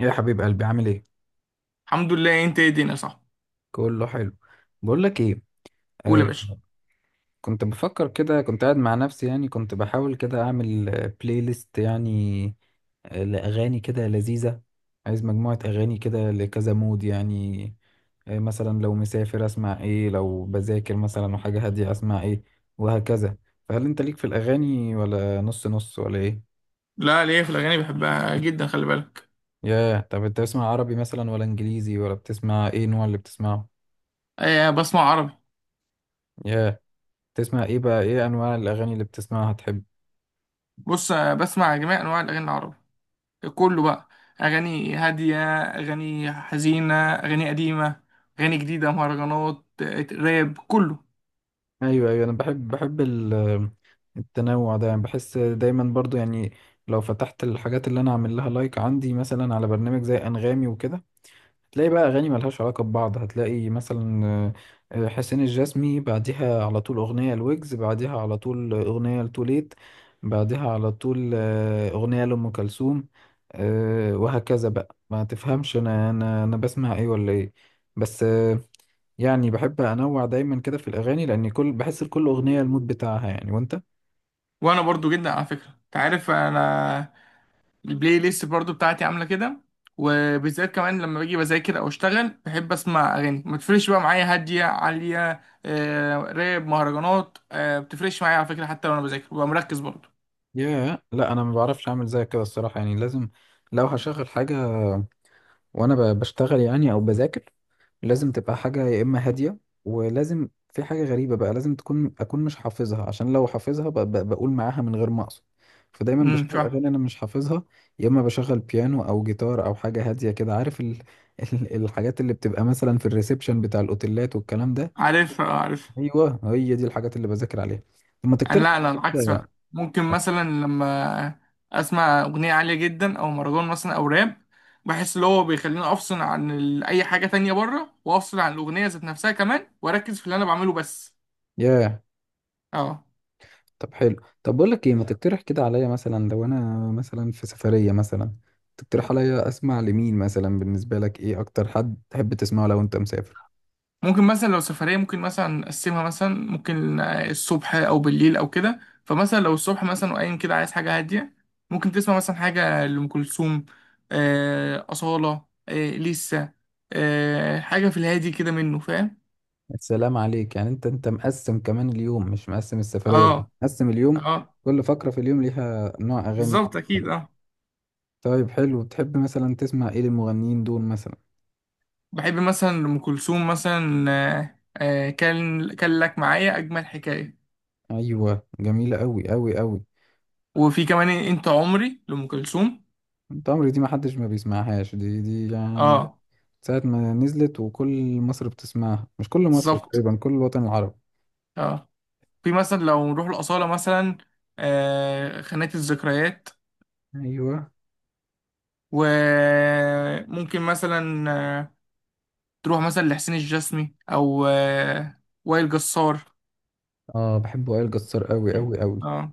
يا حبيب قلبي، عامل ايه؟ الحمد لله، انت ايه؟ الدنيا صح. كله حلو. بقول لك ايه؟ قول يا باشا. آه. كنت بفكر كده، كنت قاعد مع نفسي يعني، كنت بحاول كده اعمل بلاي ليست يعني، لاغاني كده لذيذه. عايز مجموعه اغاني كده لكذا مود يعني. آه، مثلا لو مسافر اسمع ايه، لو بذاكر مثلا وحاجه هاديه اسمع ايه، وهكذا. فهل انت ليك في الاغاني ولا نص نص ولا ايه؟ لا ليه في الاغاني بحبها جدا، خلي بالك. ياه، طب انت بتسمع عربي مثلا ولا انجليزي، ولا بتسمع ايه النوع اللي بتسمعه؟ آه، بسمع عربي. ياه، تسمع ايه بقى، ايه انواع الاغاني اللي بتسمعها تحب؟ بص، بسمع جميع انواع الاغاني العربي. كله بقى، اغاني هاديه، اغاني حزينه، اغاني قديمه، اغاني جديده، مهرجانات، راب، كله. ايوه ايوه، انا بحب بحب التنوع ده يعني، بحس دايما برضو يعني لو فتحت الحاجات اللي انا عامل لها لايك عندي، مثلا على برنامج زي انغامي وكده، هتلاقي بقى اغاني ملهاش علاقه ببعض. هتلاقي مثلا حسين الجسمي، بعديها على طول اغنيه لويجز، بعديها على طول اغنيه لتوليت، بعديها على طول اغنيه لام كلثوم، وهكذا بقى. ما تفهمش انا انا بسمع ايه ولا ايه. بس يعني بحب انوع دايما كده في الاغاني، لان كل بحس لكل اغنيه المود بتاعها يعني. وانت؟ وانا برضو جدا على فكره، انت عارف، انا البلاي ليست برضو بتاعتي عامله كده. وبالذات كمان لما باجي بذاكر او اشتغل بحب اسمع اغاني ما بتفرقش بقى معايا، هاديه، عاليه، راب، مهرجانات، بتفرقش معايا على فكره، حتى وانا بذاكر ببقى مركز برضو. يا لا، انا ما بعرفش اعمل زي كده الصراحه، يعني لازم لو هشغل حاجه وانا بشتغل يعني او بذاكر، لازم تبقى حاجه يا اما هاديه، ولازم في حاجه غريبه بقى، لازم تكون اكون مش حافظها، عشان لو حافظها بقول معاها من غير ما اقصد. فدايما امم، بشغل فاهم. اغاني انا مش حافظها، يا اما بشغل بيانو او جيتار او حاجه هاديه كده، عارف ال... الحاجات اللي بتبقى مثلا في الريسبشن بتاع الاوتيلات والكلام ده. عارف، عارف. ايوه، هي دي الحاجات اللي بذاكر عليها. طب ما انا تقترح لا، لا، العكس كده. بقى، ممكن مثلا لما اسمع اغنيه عاليه جدا او مهرجان مثلا او راب بحس اللي هو بيخليني افصل عن اي حاجه تانية بره، وافصل عن الاغنيه ذات نفسها كمان، واركز في اللي انا بعمله بس. ياه، اه. طب حلو. طب بقول لك ايه، ما تقترح كده عليا. مثلا لو انا مثلا في سفريه مثلا، تقترح عليا اسمع لمين؟ مثلا بالنسبه لك، ايه اكتر حد تحب تسمعه لو انت مسافر؟ ممكن مثلا لو سفرية ممكن مثلا نقسمها، مثلا ممكن الصبح أو بالليل أو كده. فمثلا لو الصبح مثلا وقايم كده عايز حاجة هادية، ممكن تسمع مثلا حاجة لأم كلثوم، أصالة، لسه، حاجة في الهادي كده، منه فاهم. السلام عليك يعني. انت مقسم كمان اليوم، مش مقسم السفريه دي. اه، مقسم اليوم. اه، كل فقره في اليوم ليها نوع اغاني بالظبط أكيد، مختلف. اه. طيب حلو. بتحب مثلا تسمع ايه للمغنيين دول مثلا؟ بحب مثلا أم كلثوم مثلا، كان لك معايا أجمل حكاية. ايوه جميله قوي قوي قوي. وفي كمان إيه، أنت عمري لأم كلثوم. تمري دي ما حدش ما بيسمعهاش، دي يعني اه، ساعة ما نزلت وكل مصر بتسمعها، مش كل مصر، بالظبط، تقريبا كل الوطن العربي. اه. في مثلا لو نروح الأصالة مثلا خانات الذكريات. ايوه. وممكن مثلا آه، تروح مثلا لحسين الجسمي أو وائل جسار. اه بحب وائل جسار قوي قوي قوي. اه،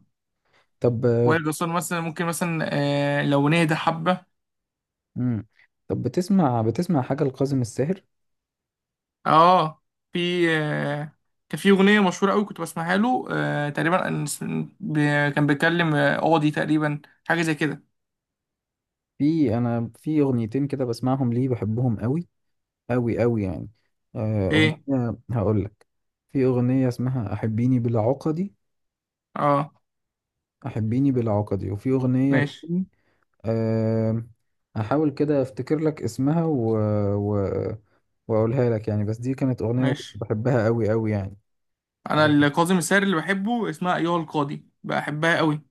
طب. وائل جسار مثلا ممكن مثلا لو نهدى حبة. امم. طب بتسمع، بتسمع حاجة لكاظم الساهر؟ اه، في كان في أغنية مشهورة أوي كنت بسمعها له، تقريبا ب- كان بيتكلم قاضي تقريبا، حاجة زي كده. في، انا في اغنيتين كده بسمعهم ليه، بحبهم قوي قوي قوي يعني. ايه. اغنية هقول لك. في اغنية اسمها احبيني بلا عقدي، اه. احبيني بلا عقدي، وفي اغنية ماشي. تاني. أه. هحاول كده افتكر لك اسمها و... و... واقولها لك يعني. بس دي كانت اغنية كنت ماشي، بحبها قوي قوي يعني. انا أه. الكاظم الساهر اللي بحبه اسمها ايها القاضي، بحبها قوي.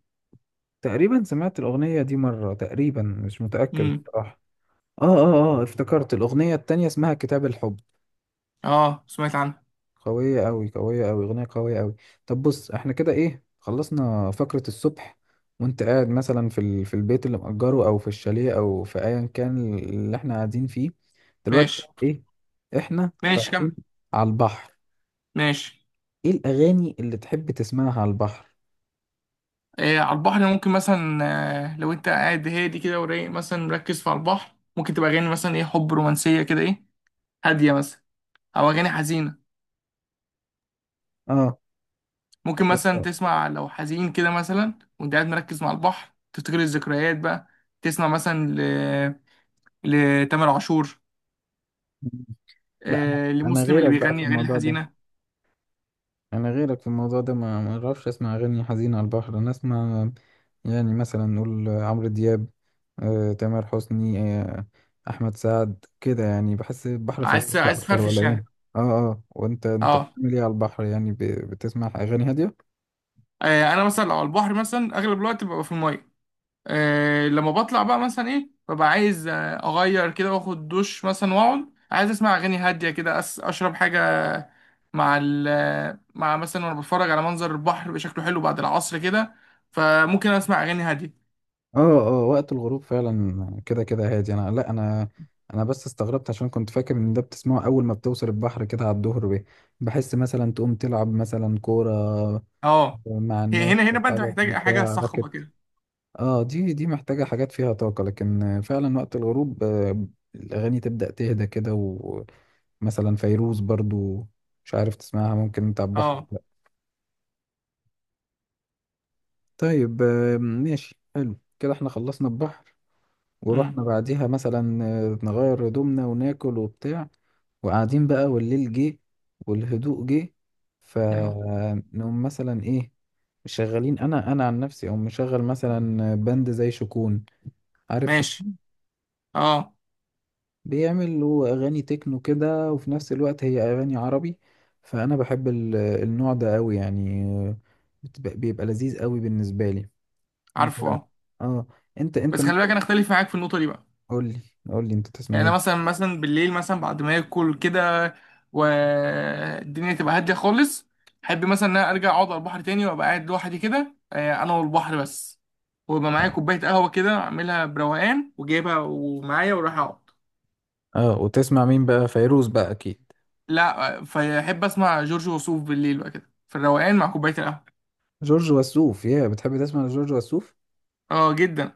تقريبا سمعت الاغنية دي مرة، تقريبا مش متأكد امم. بصراحة. اه اه اه، افتكرت الاغنية التانية، اسمها كتاب الحب. اه، سمعت عنها. قوية أوي، قوية أوي، أغنية قوية أوي. طب بص، احنا كده ايه، خلصنا فقرة الصبح. وانت قاعد مثلا في ال... في البيت اللي مأجره أو في الشاليه أو في أيا كان اللي احنا قاعدين فيه، دلوقتي ماشي. بقى ايه؟ احنا ماشي، كمل. رايحين على البحر. ماشي. ايه الأغاني اللي تحب تسمعها على البحر؟ إيه، على البحر ممكن مثلا لو انت قاعد هادي كده ورايق مثلا مركز في على البحر، ممكن تبقى اغاني مثلا ايه، حب، رومانسيه كده، ايه، هاديه مثلا، او اغاني حزينه. اه. ممكن مثلا تسمع لو حزين كده مثلا وانت قاعد مركز مع البحر، تفتكر الذكريات بقى، تسمع مثلا لتامر عاشور، لا، أنا لمسلم اللي غيرك بقى في بيغني اغاني الموضوع ده. الحزينه. انا غيرك في الموضوع ده، ما اعرفش اسمع اغاني حزينه على البحر. انا اسمع يعني مثلا نقول عمرو دياب، تامر حسني، احمد سعد كده يعني. بحس البحر عايز فرفشه عايز اكتر ولا تفرفش ايه؟ يعني. اه اه. وانت، اه. بتعمل ايه على البحر يعني؟ بتسمع اغاني هاديه؟ انا مثلا لو على البحر مثلا اغلب الوقت ببقى في الميه. لما بطلع بقى مثلا ايه، ببقى عايز اغير كده واخد دش مثلا واقعد عايز اسمع اغاني هاديه كده، اشرب حاجه مع مع مثلا، وانا بتفرج على منظر البحر بيبقى شكله حلو بعد العصر كده، فممكن اسمع اغاني هاديه. اه اه، وقت الغروب فعلا كده كده هادي. انا لا، انا بس استغربت، عشان كنت فاكر ان ده بتسمعه اول ما بتوصل البحر كده على الظهر بيه. بحس مثلا تقوم تلعب مثلا كوره اه، مع الناس هنا هنا بقى انت صحابك محتاج حاجه بتاع صخبه راكت. كده. اه، دي محتاجة حاجات فيها طاقة، لكن فعلا وقت الغروب الأغاني تبدأ تهدى كده. ومثلا فيروز برضو، مش عارف تسمعها ممكن انت على البحر ولا اه. لأ. طيب ماشي حلو كده، احنا خلصنا البحر. امم. ورحنا بعديها مثلا نغير هدومنا وناكل وبتاع. وقاعدين بقى والليل جه والهدوء جه، اه. فنقوم مثلا ايه؟ مشغلين، انا عن نفسي، او مشغل مثلا باند زي شكون. عارف ماشي. شكون؟ اه. بيعمل هو اغاني تكنو كده، وفي نفس الوقت هي اغاني عربي. فانا بحب النوع ده قوي يعني. بتبقى، بيبقى لذيذ قوي بالنسبه لي. انت، عارفه، اه. اه، انت بس خلي ممكن بالك، انا اختلف معاك في النقطه دي بقى. قول لي، قول لي انت تسمع يعني انا ايه؟ مثلا، بالليل مثلا بعد ما اكل كده والدنيا تبقى هاديه خالص، احب مثلا ان انا ارجع اقعد على البحر تاني وابقى قاعد لوحدي كده، انا والبحر بس، ويبقى اه. معايا كوبايه قهوه كده اعملها بروقان وجايبها ومعايا وراح اقعد. وتسمع مين بقى، فيروز بقى اكيد؟ لا، فاحب اسمع جورج وسوف بالليل بقى كده في الروقان مع كوبايه القهوه. جورج وسوف؟ يا، بتحب تسمع لجورج وسوف؟ اه، جدا.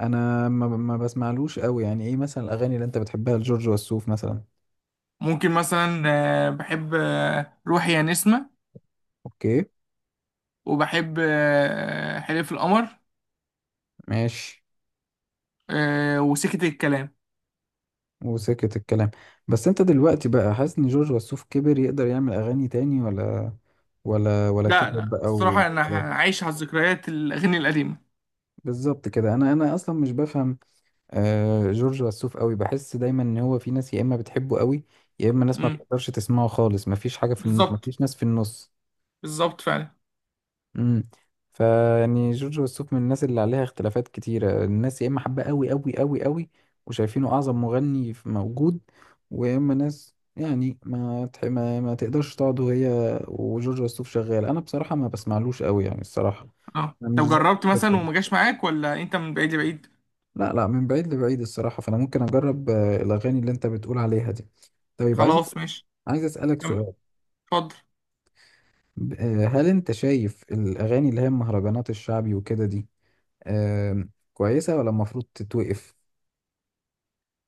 انا ما بسمعلوش قوي يعني. ايه مثلا الاغاني اللي انت بتحبها لجورج وسوف مثلا؟ ممكن مثلا بحب روحي يا نسمه، اوكي. وبحب حلف القمر، ماشي. وسكت الكلام. وسكت الكلام. بس انت دلوقتي بقى حاسس ان جورج وسوف كبر، يقدر يعمل اغاني تاني ولا، ولا لا، كبر لا، بقى الصراحة أنا وخلاص؟ عايش على الذكريات، الأغاني القديمة. بالظبط كده. انا انا اصلا مش بفهم آه جورج وسوف قوي. بحس دايما ان هو في ناس يا اما بتحبه قوي، يا اما ناس ما امم، بتقدرش تسمعه خالص. مفيش حاجه في بالظبط. مفيش ناس في النص. بالظبط فعلا. امم. فيعني جورج وسوف من الناس اللي عليها اختلافات كتيرة. الناس يا اما حابة قوي قوي قوي قوي، وشايفينه اعظم مغني موجود، ويا اما ناس يعني ما تح... ما تقدرش تقعد وهي وجورج وسوف شغال. انا بصراحة ما بسمعلوش قوي يعني الصراحة. اه، انا مش طب زي جربت مثلا الحتة وما دي. جاش معاك، ولا أنت من بعيد لبعيد؟ لا لا، من بعيد لبعيد الصراحة. فانا ممكن اجرب الاغاني اللي انت بتقول عليها دي. طيب عايز، خلاص، ماشي. اسألك كمل. سؤال. اتفضل. هل انت شايف الاغاني اللي هي المهرجانات الشعبي وكده دي، آم، كويسة ولا المفروض تتوقف؟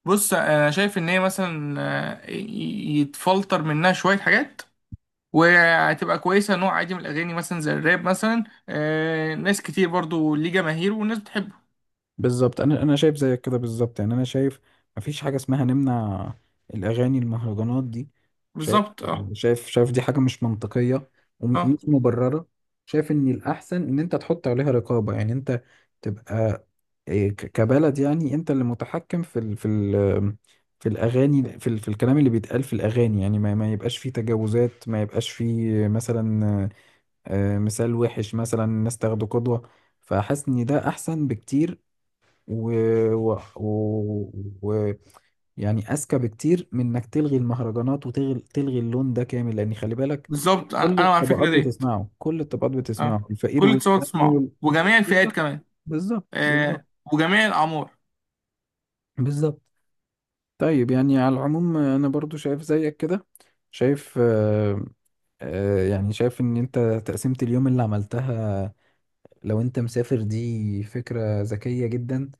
بص، أنا شايف إن هي مثلا يتفلتر منها شوية حاجات، وهتبقى كويسة، نوع عادي من الأغاني مثلا زي الراب مثلا. ناس كتير برضو ليه جماهير، والناس بتحبه. بالظبط، انا انا شايف زيك كده بالظبط يعني. انا شايف مفيش حاجه اسمها نمنع الاغاني المهرجانات دي. شايف، بالظبط، اه. شايف، شايف دي حاجه مش منطقيه اه، ومش مبرره. شايف ان الاحسن ان انت تحط عليها رقابه. يعني انت تبقى إيه، كبلد يعني، انت اللي متحكم في ال، في ال، في الاغاني، في ال، في الكلام اللي بيتقال في الاغاني، يعني ما يبقاش فيه تجاوزات، ما يبقاش فيه مثلا مثال وحش مثلا، الناس تاخده قدوة. فحاسس ان ده احسن بكتير و... و... و... و... يعني اذكى بكتير من انك تلغي المهرجانات وتلغي، اللون ده كامل. لان خلي بالك، بالظبط، أنا كل أنا مع الطبقات الفكرة ديت. بتسمعه، كل الطبقات اه، بتسمعه، الفقير كل تصور والغني تسمعه، وال... وجميع الفئات بالظبط، كمان. بالظبط آه، وجميع الأعمار. بالظبط. طيب يعني على العموم، انا برضو شايف زيك كده. شايف، يعني شايف ان انت تقسيمة اليوم اللي عملتها لو انت مسافر دي فكرة ذكية جدا.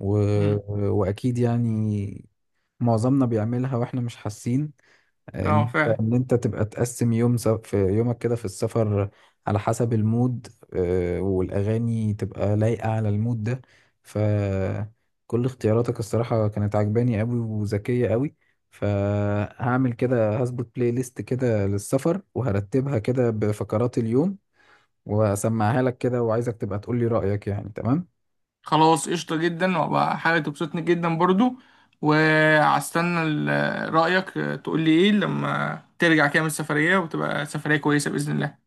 و... مم. واكيد يعني معظمنا بيعملها واحنا مش حاسين، اه، ان انت فعلا. ان انت تبقى تقسم يوم س... في يومك كده في السفر على حسب المود، والاغاني تبقى لايقة على المود ده. فكل اختياراتك الصراحة كانت عجباني قوي وذكية قوي. فهعمل كده، هظبط بلاي ليست كده للسفر، وهرتبها كده بفقرات اليوم، واسمعها لك كده، وعايزك تبقى تقول لي رأيك. يعني تمام. خلاص، قشطة جدا، وبقى حاجة تبسطني جدا برضو. وهستنى رأيك، تقولي ايه لما ترجع كده من السفرية، وتبقى سفرية كويسة بإذن الله.